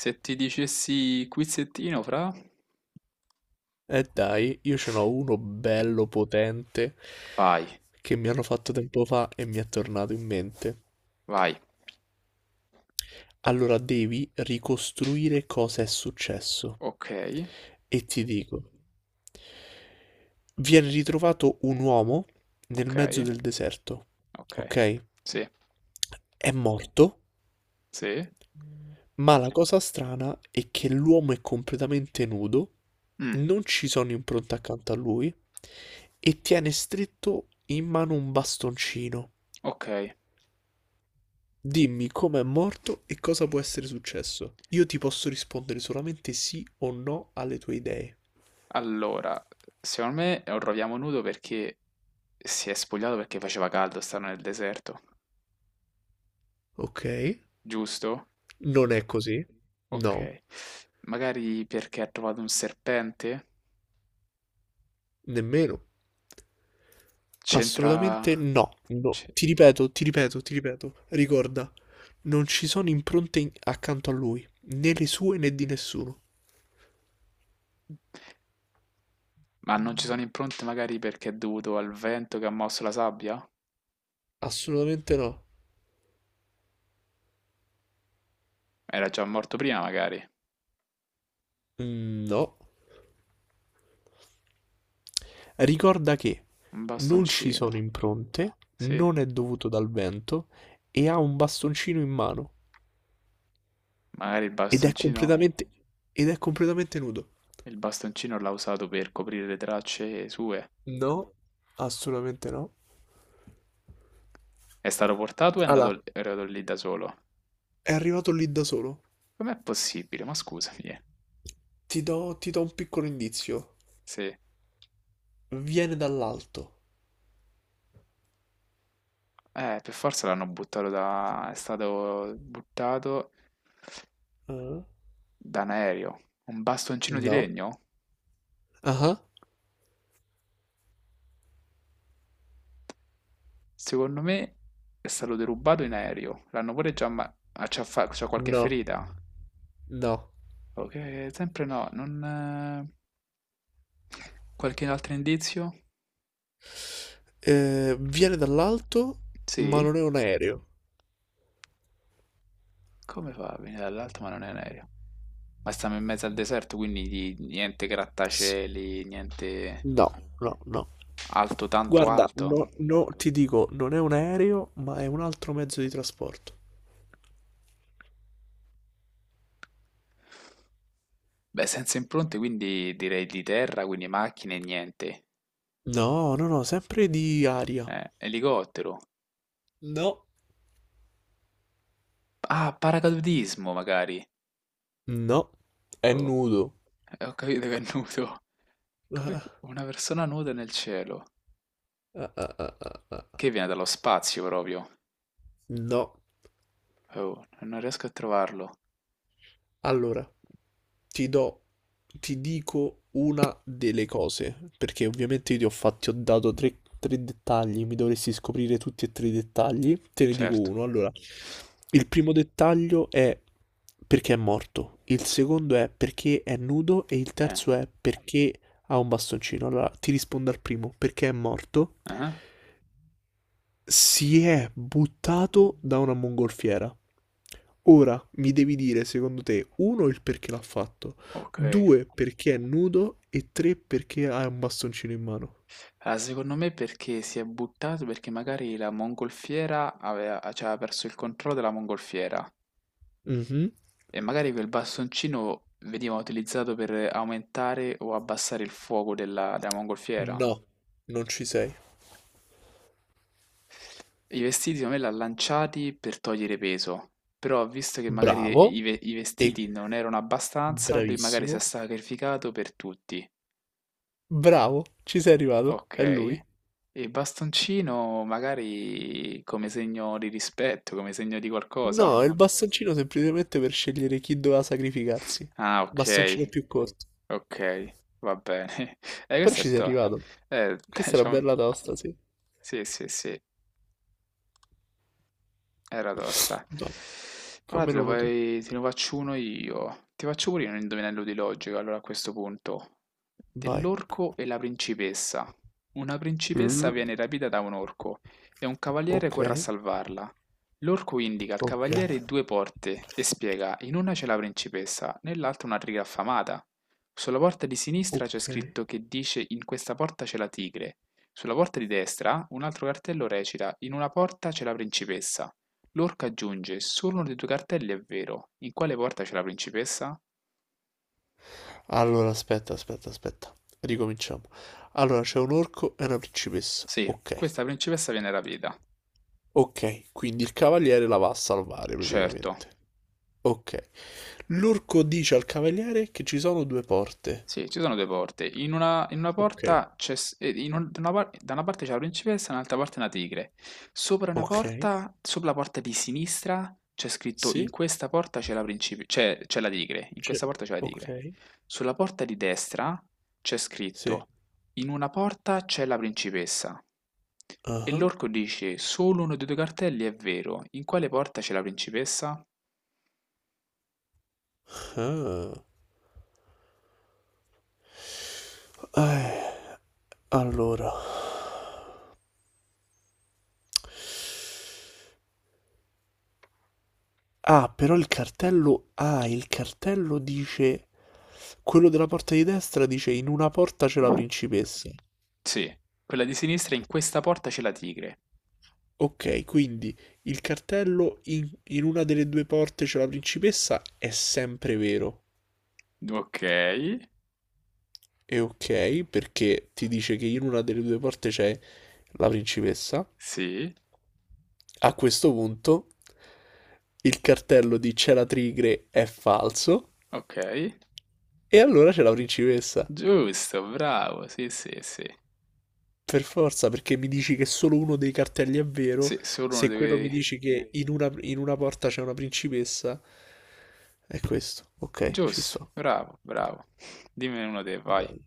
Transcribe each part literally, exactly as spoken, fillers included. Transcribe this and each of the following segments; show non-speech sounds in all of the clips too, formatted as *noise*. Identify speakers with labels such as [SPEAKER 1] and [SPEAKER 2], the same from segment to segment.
[SPEAKER 1] Se ti dicessi quizzettino, fra?
[SPEAKER 2] E dai, io ce n'ho uno bello potente
[SPEAKER 1] Vai,
[SPEAKER 2] che mi hanno fatto tempo fa e mi è tornato in mente.
[SPEAKER 1] vai.
[SPEAKER 2] Allora devi ricostruire cosa è successo.
[SPEAKER 1] Ok,
[SPEAKER 2] E ti dico, viene ritrovato un uomo nel mezzo
[SPEAKER 1] ok,
[SPEAKER 2] del deserto,
[SPEAKER 1] ok.
[SPEAKER 2] ok?
[SPEAKER 1] Sì,
[SPEAKER 2] È morto,
[SPEAKER 1] sì.
[SPEAKER 2] ma la cosa strana è che l'uomo è completamente nudo,
[SPEAKER 1] Mm,
[SPEAKER 2] non ci sono impronte accanto a lui e tiene stretto in mano un bastoncino.
[SPEAKER 1] ok.
[SPEAKER 2] Dimmi com'è morto e cosa può essere successo. Io ti posso rispondere solamente sì o no alle tue idee.
[SPEAKER 1] Allora, secondo me lo troviamo nudo perché si è spogliato perché faceva caldo, stanno nel deserto.
[SPEAKER 2] Ok?
[SPEAKER 1] Giusto?
[SPEAKER 2] Non è così? No,
[SPEAKER 1] Ok. Magari perché ha trovato un serpente?
[SPEAKER 2] nemmeno.
[SPEAKER 1] C'entra...
[SPEAKER 2] Assolutamente no. No.
[SPEAKER 1] c-
[SPEAKER 2] Ti ripeto, ti ripeto, ti ripeto. Ricorda, non ci sono impronte in- accanto a lui, né le sue né di nessuno.
[SPEAKER 1] Ma non ci sono impronte magari perché è dovuto al vento che ha mosso la sabbia?
[SPEAKER 2] Assolutamente no.
[SPEAKER 1] Era già morto prima magari.
[SPEAKER 2] Mm, no. Ricorda che
[SPEAKER 1] Un
[SPEAKER 2] non ci
[SPEAKER 1] bastoncino.
[SPEAKER 2] sono impronte,
[SPEAKER 1] Sì.
[SPEAKER 2] non è dovuto dal vento e ha un bastoncino in mano.
[SPEAKER 1] Magari il
[SPEAKER 2] Ed è
[SPEAKER 1] bastoncino,
[SPEAKER 2] completamente, ed è completamente nudo.
[SPEAKER 1] il bastoncino l'ha usato per coprire le tracce sue.
[SPEAKER 2] No, assolutamente no.
[SPEAKER 1] È stato portato e è
[SPEAKER 2] Allora,
[SPEAKER 1] andato, è andato lì da solo.
[SPEAKER 2] è arrivato lì da solo.
[SPEAKER 1] Com'è possibile? Ma scusami, eh.
[SPEAKER 2] Ti do, ti do un piccolo indizio.
[SPEAKER 1] Se...
[SPEAKER 2] Viene dall'alto.
[SPEAKER 1] Eh, per forza l'hanno buttato da... è stato buttato
[SPEAKER 2] Ah?
[SPEAKER 1] da un aereo. Un bastoncino di
[SPEAKER 2] No.
[SPEAKER 1] legno?
[SPEAKER 2] Ah?
[SPEAKER 1] Secondo me è stato derubato in aereo. L'hanno pure già... Ma... ah, c'ha fa- c'ha qualche
[SPEAKER 2] No.
[SPEAKER 1] ferita?
[SPEAKER 2] No.
[SPEAKER 1] Ok, sempre no. Non... eh, qualche altro indizio?
[SPEAKER 2] Eh, viene dall'alto, ma
[SPEAKER 1] Sì?
[SPEAKER 2] non è un aereo.
[SPEAKER 1] Come fa a venire dall'alto ma non è un aereo? Ma stiamo in mezzo al deserto, quindi di- niente
[SPEAKER 2] Sì.
[SPEAKER 1] grattacieli, niente
[SPEAKER 2] No, no, no.
[SPEAKER 1] alto tanto
[SPEAKER 2] Guarda,
[SPEAKER 1] alto.
[SPEAKER 2] no, no, ti dico, non è un aereo, ma è un altro mezzo di trasporto.
[SPEAKER 1] Beh, senza impronte, quindi direi di terra, quindi macchine, niente.
[SPEAKER 2] No, no, no, sempre di aria.
[SPEAKER 1] Eh, elicottero.
[SPEAKER 2] No,
[SPEAKER 1] Ah, paracadutismo magari.
[SPEAKER 2] no, è
[SPEAKER 1] Oh,
[SPEAKER 2] nudo.
[SPEAKER 1] eh, ho capito che è nudo. Que-
[SPEAKER 2] Ah,
[SPEAKER 1] una persona nuda nel cielo.
[SPEAKER 2] ah, ah, ah, ah, ah.
[SPEAKER 1] Che viene dallo spazio proprio.
[SPEAKER 2] No,
[SPEAKER 1] Oh, non riesco a trovarlo.
[SPEAKER 2] allora ti do, ti dico una delle cose, perché ovviamente io ti ho fatti, ho dato tre, tre dettagli, mi dovresti scoprire tutti e tre i dettagli, te ne dico
[SPEAKER 1] Certo.
[SPEAKER 2] uno. Allora, il primo dettaglio è perché è morto, il secondo è perché è nudo e il
[SPEAKER 1] Eh,
[SPEAKER 2] terzo è perché ha un bastoncino. Allora, ti rispondo al primo, perché è morto.
[SPEAKER 1] ah,
[SPEAKER 2] Si è buttato da una mongolfiera. Ora mi devi dire, secondo te, uno, il perché l'ha fatto,
[SPEAKER 1] ok.
[SPEAKER 2] due, perché è nudo e tre, perché ha un bastoncino in mano.
[SPEAKER 1] Ah, secondo me perché si è buttato perché magari la mongolfiera aveva, cioè, aveva perso il controllo della mongolfiera
[SPEAKER 2] Mhm.
[SPEAKER 1] e magari quel bastoncino veniva utilizzato per aumentare o abbassare il fuoco della, della mongolfiera.
[SPEAKER 2] No, non ci sei.
[SPEAKER 1] I vestiti secondo me l'ha lanciati per togliere peso, però visto che magari
[SPEAKER 2] Bravo.
[SPEAKER 1] i, ve- i
[SPEAKER 2] E
[SPEAKER 1] vestiti non erano abbastanza, lui magari si è
[SPEAKER 2] bravissimo.
[SPEAKER 1] sacrificato per tutti.
[SPEAKER 2] Bravo, ci sei arrivato.
[SPEAKER 1] Ok.
[SPEAKER 2] È lui.
[SPEAKER 1] E il bastoncino magari come segno di rispetto, come segno di qualcosa.
[SPEAKER 2] No, è il bastoncino semplicemente per scegliere chi doveva sacrificarsi.
[SPEAKER 1] Ah, ok,
[SPEAKER 2] Bastoncino più corto.
[SPEAKER 1] ok, va bene. *laughs* Eh,
[SPEAKER 2] Però
[SPEAKER 1] questo
[SPEAKER 2] ci
[SPEAKER 1] è
[SPEAKER 2] sei
[SPEAKER 1] to-
[SPEAKER 2] arrivato.
[SPEAKER 1] eh, *laughs*
[SPEAKER 2] Questa è una
[SPEAKER 1] diciamo,
[SPEAKER 2] bella tosta, sì.
[SPEAKER 1] sì, sì, sì. Era tosta. Allora te
[SPEAKER 2] Fammene
[SPEAKER 1] lo,
[SPEAKER 2] uno tu.
[SPEAKER 1] vai- te ne faccio uno io. Ti faccio pure io un indovinello di logica, allora a questo punto.
[SPEAKER 2] Vai.
[SPEAKER 1] Dell'orco e la principessa. Una principessa
[SPEAKER 2] Mm,
[SPEAKER 1] viene rapita da un orco e un cavaliere
[SPEAKER 2] ok,
[SPEAKER 1] corre a salvarla. L'orco indica al
[SPEAKER 2] ok,
[SPEAKER 1] cavaliere due porte e spiega, in una c'è la principessa, nell'altra una tigre affamata. Sulla porta di sinistra c'è
[SPEAKER 2] ok.
[SPEAKER 1] scritto che dice in questa porta c'è la tigre. Sulla porta di destra un altro cartello recita, in una porta c'è la principessa. Lorca aggiunge: "Solo uno dei tuoi cartelli è vero. In quale porta c'è la principessa?"
[SPEAKER 2] Allora, aspetta, aspetta, aspetta. Ricominciamo. Allora, c'è un orco e una principessa.
[SPEAKER 1] Sì,
[SPEAKER 2] Ok,
[SPEAKER 1] questa principessa viene rapita.
[SPEAKER 2] ok. Quindi il cavaliere la va a salvare
[SPEAKER 1] Certo.
[SPEAKER 2] praticamente. Ok. L'orco dice al cavaliere che ci sono due porte.
[SPEAKER 1] Sì, ci sono due porte. In una, in una
[SPEAKER 2] Ok,
[SPEAKER 1] porta c'è, s- eh, in un- da una, par- da una parte c'è la principessa, dall'altra parte una tigre. Sopra una
[SPEAKER 2] ok.
[SPEAKER 1] porta, sopra la porta di sinistra, c'è scritto in
[SPEAKER 2] Sì,
[SPEAKER 1] questa porta c'è la principe- c'è, c'è la tigre, in
[SPEAKER 2] c'è.
[SPEAKER 1] questa porta c'è la tigre.
[SPEAKER 2] Ok,
[SPEAKER 1] Sulla porta di destra c'è
[SPEAKER 2] sì.
[SPEAKER 1] scritto in una porta c'è la principessa. E
[SPEAKER 2] Ah,
[SPEAKER 1] l'orco dice, solo uno dei due cartelli è vero, in quale porta c'è la principessa?
[SPEAKER 2] ah. Eh, allora, Ah, però il cartello, ah, il cartello dice, quello della porta di destra dice in una porta c'è la principessa.
[SPEAKER 1] Sì, quella di sinistra, in questa porta c'è la tigre.
[SPEAKER 2] Ok, quindi il cartello in, in una delle due porte c'è la principessa è sempre vero.
[SPEAKER 1] Ok,
[SPEAKER 2] E ok, perché ti dice che in una delle due porte c'è la principessa.
[SPEAKER 1] sì,
[SPEAKER 2] A questo punto il cartello di c'è la tigre è falso
[SPEAKER 1] ok,
[SPEAKER 2] e allora c'è la principessa.
[SPEAKER 1] giusto, bravo, sì, sì, sì,
[SPEAKER 2] Per forza, perché mi dici che solo uno dei cartelli è vero,
[SPEAKER 1] sì, solo uno
[SPEAKER 2] se quello mi
[SPEAKER 1] deve...
[SPEAKER 2] dici che in una, in una porta c'è una principessa, è questo. Ok, ci
[SPEAKER 1] Giusto,
[SPEAKER 2] sto.
[SPEAKER 1] bravo, bravo, dimmi uno dei, vai,
[SPEAKER 2] Dai.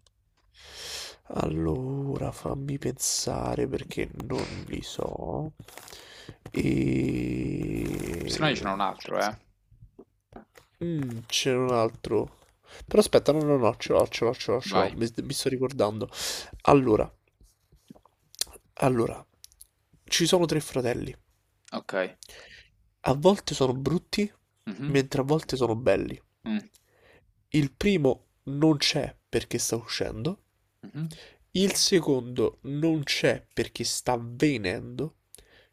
[SPEAKER 2] Allora, fammi pensare perché non li so.
[SPEAKER 1] se no io ce
[SPEAKER 2] E...
[SPEAKER 1] n'ho un altro, eh,
[SPEAKER 2] mm, c'era un altro. Però aspetta, no, no, no, ce l'ho, ce l'ho, ce l'ho, ce l'ho.
[SPEAKER 1] vai,
[SPEAKER 2] Mi, mi sto ricordando. Allora, allora, ci sono tre fratelli.
[SPEAKER 1] ok.
[SPEAKER 2] A volte sono brutti,
[SPEAKER 1] Mhm,
[SPEAKER 2] mentre a volte sono belli.
[SPEAKER 1] mm,
[SPEAKER 2] Il primo non c'è perché sta uscendo.
[SPEAKER 1] mhm.
[SPEAKER 2] Il secondo non c'è perché sta venendo.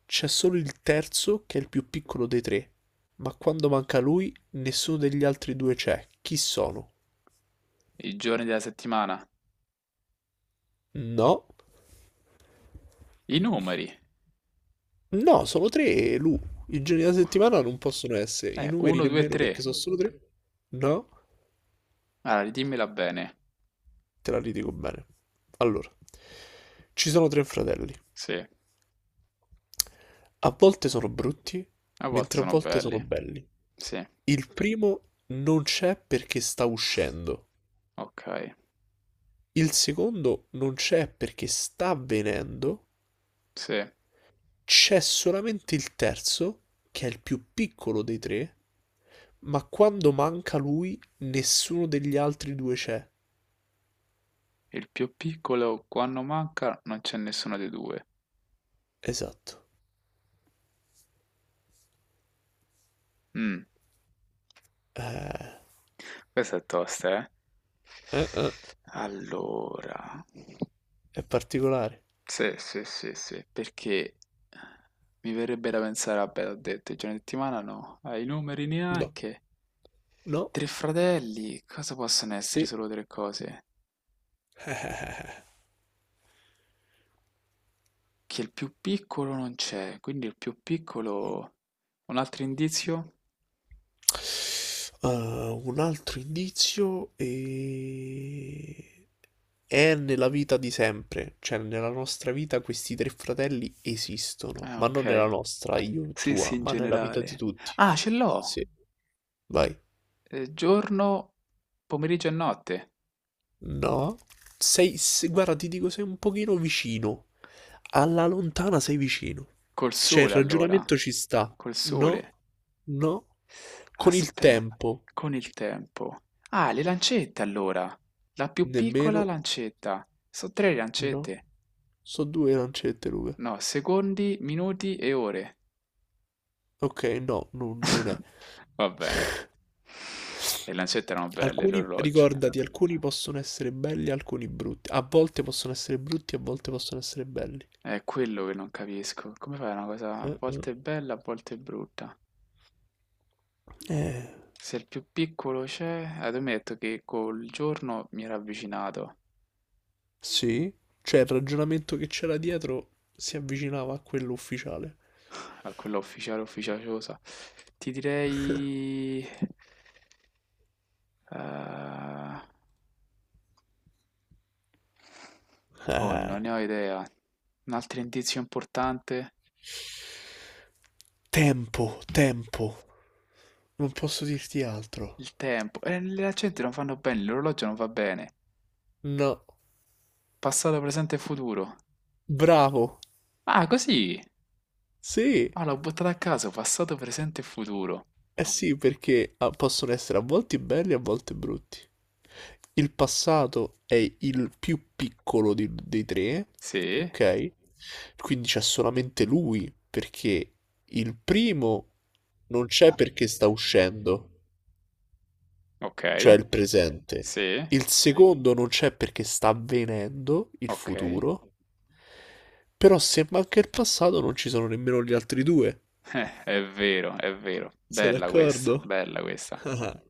[SPEAKER 2] C'è solo il terzo che è il più piccolo dei tre. Ma quando manca lui, nessuno degli altri due c'è. Chi sono?
[SPEAKER 1] I giorni della settimana,
[SPEAKER 2] No,
[SPEAKER 1] i numeri,
[SPEAKER 2] no, sono tre e Lu. I giorni della settimana non possono essere, i
[SPEAKER 1] eh,
[SPEAKER 2] numeri
[SPEAKER 1] uno, due,
[SPEAKER 2] nemmeno perché
[SPEAKER 1] tre,
[SPEAKER 2] sono solo tre. No,
[SPEAKER 1] allora dimmela bene,
[SPEAKER 2] te la ridico bene. Allora, ci sono tre fratelli.
[SPEAKER 1] sì,
[SPEAKER 2] A volte sono brutti,
[SPEAKER 1] a volte
[SPEAKER 2] mentre a
[SPEAKER 1] sono
[SPEAKER 2] volte sono
[SPEAKER 1] belli,
[SPEAKER 2] belli.
[SPEAKER 1] sì,
[SPEAKER 2] Il primo non c'è perché sta uscendo.
[SPEAKER 1] ok,
[SPEAKER 2] Il secondo non c'è perché sta avvenendo.
[SPEAKER 1] sì,
[SPEAKER 2] C'è solamente il terzo, che è il più piccolo dei tre, ma quando manca lui, nessuno degli altri due c'è.
[SPEAKER 1] il più piccolo quando manca non c'è nessuno dei due.
[SPEAKER 2] Esatto.
[SPEAKER 1] Mm.
[SPEAKER 2] Eh,
[SPEAKER 1] Questa è tosta, eh.
[SPEAKER 2] eh, eh,
[SPEAKER 1] Allora,
[SPEAKER 2] è particolare.
[SPEAKER 1] sì, sì, sì, sì, perché mi verrebbe da pensare, vabbè, ho detto, i giorni di settimana no, ai numeri
[SPEAKER 2] No,
[SPEAKER 1] neanche.
[SPEAKER 2] no,
[SPEAKER 1] Tre fratelli, cosa possono essere
[SPEAKER 2] sì.
[SPEAKER 1] solo tre cose?
[SPEAKER 2] *laughs* Eh,
[SPEAKER 1] Che il più piccolo non c'è, quindi il più piccolo... Un altro indizio?
[SPEAKER 2] uh, un altro indizio e... è nella vita di sempre, cioè nella nostra vita questi tre fratelli esistono,
[SPEAKER 1] Ah,
[SPEAKER 2] ma non nella
[SPEAKER 1] ok.
[SPEAKER 2] nostra, io e
[SPEAKER 1] Sì, sì,
[SPEAKER 2] tua,
[SPEAKER 1] in
[SPEAKER 2] ma nella vita di
[SPEAKER 1] generale.
[SPEAKER 2] tutti.
[SPEAKER 1] Ah, ce l'ho!
[SPEAKER 2] Sì, vai.
[SPEAKER 1] Eh, giorno, pomeriggio e notte.
[SPEAKER 2] No, sei, se- guarda, ti dico, sei un pochino vicino. Alla lontana sei vicino.
[SPEAKER 1] Col
[SPEAKER 2] Cioè, il
[SPEAKER 1] sole, allora.
[SPEAKER 2] ragionamento ci sta.
[SPEAKER 1] Col
[SPEAKER 2] No,
[SPEAKER 1] sole.
[SPEAKER 2] no. Con il
[SPEAKER 1] Aspe,
[SPEAKER 2] tempo,
[SPEAKER 1] con il tempo. Ah, le lancette allora. La più
[SPEAKER 2] nemmeno,
[SPEAKER 1] piccola lancetta. Sono tre
[SPEAKER 2] no.
[SPEAKER 1] lancette.
[SPEAKER 2] So due lancette, Luca.
[SPEAKER 1] No, secondi, minuti e ore.
[SPEAKER 2] Ok, no, non, non è.
[SPEAKER 1] Va bene. Le lancette erano belle,
[SPEAKER 2] Alcuni,
[SPEAKER 1] l'orologio.
[SPEAKER 2] ricordati, alcuni possono essere belli, alcuni brutti. A volte possono essere brutti, a volte possono essere belli.
[SPEAKER 1] È quello che non capisco. Come fai una cosa a
[SPEAKER 2] Eh,
[SPEAKER 1] volte bella, a volte brutta?
[SPEAKER 2] eh.
[SPEAKER 1] Se il più piccolo c'è, eh, tu mi hai detto che col giorno mi era avvicinato
[SPEAKER 2] Sì, cioè il ragionamento che c'era dietro si avvicinava a quello ufficiale.
[SPEAKER 1] a quella ufficiale ufficiosa. Ti direi... eh, oh,
[SPEAKER 2] Eh.
[SPEAKER 1] non ne ho idea. Un altro indizio importante?
[SPEAKER 2] Tempo, tempo. Non posso dirti altro.
[SPEAKER 1] Il tempo. E le accenti non fanno bene, l'orologio non va bene.
[SPEAKER 2] No.
[SPEAKER 1] Passato, presente e futuro.
[SPEAKER 2] Bravo.
[SPEAKER 1] Ah, così!
[SPEAKER 2] Sì.
[SPEAKER 1] Ah, l'ho buttata a caso, passato, presente e futuro.
[SPEAKER 2] Eh sì, perché ah, possono essere a volte belli e a volte brutti. Il passato è il più piccolo di- dei tre,
[SPEAKER 1] Sì,
[SPEAKER 2] ok? Quindi c'è solamente lui, perché il primo non c'è perché sta uscendo. Cioè
[SPEAKER 1] ok,
[SPEAKER 2] il presente.
[SPEAKER 1] sì,
[SPEAKER 2] Il secondo non c'è perché sta avvenendo, il
[SPEAKER 1] ok. *laughs*
[SPEAKER 2] futuro. Però se manca il passato non ci sono nemmeno gli altri due.
[SPEAKER 1] Eh, è vero, è vero.
[SPEAKER 2] Sei
[SPEAKER 1] Bella
[SPEAKER 2] d'accordo?
[SPEAKER 1] questa, bella questa.
[SPEAKER 2] *laughs*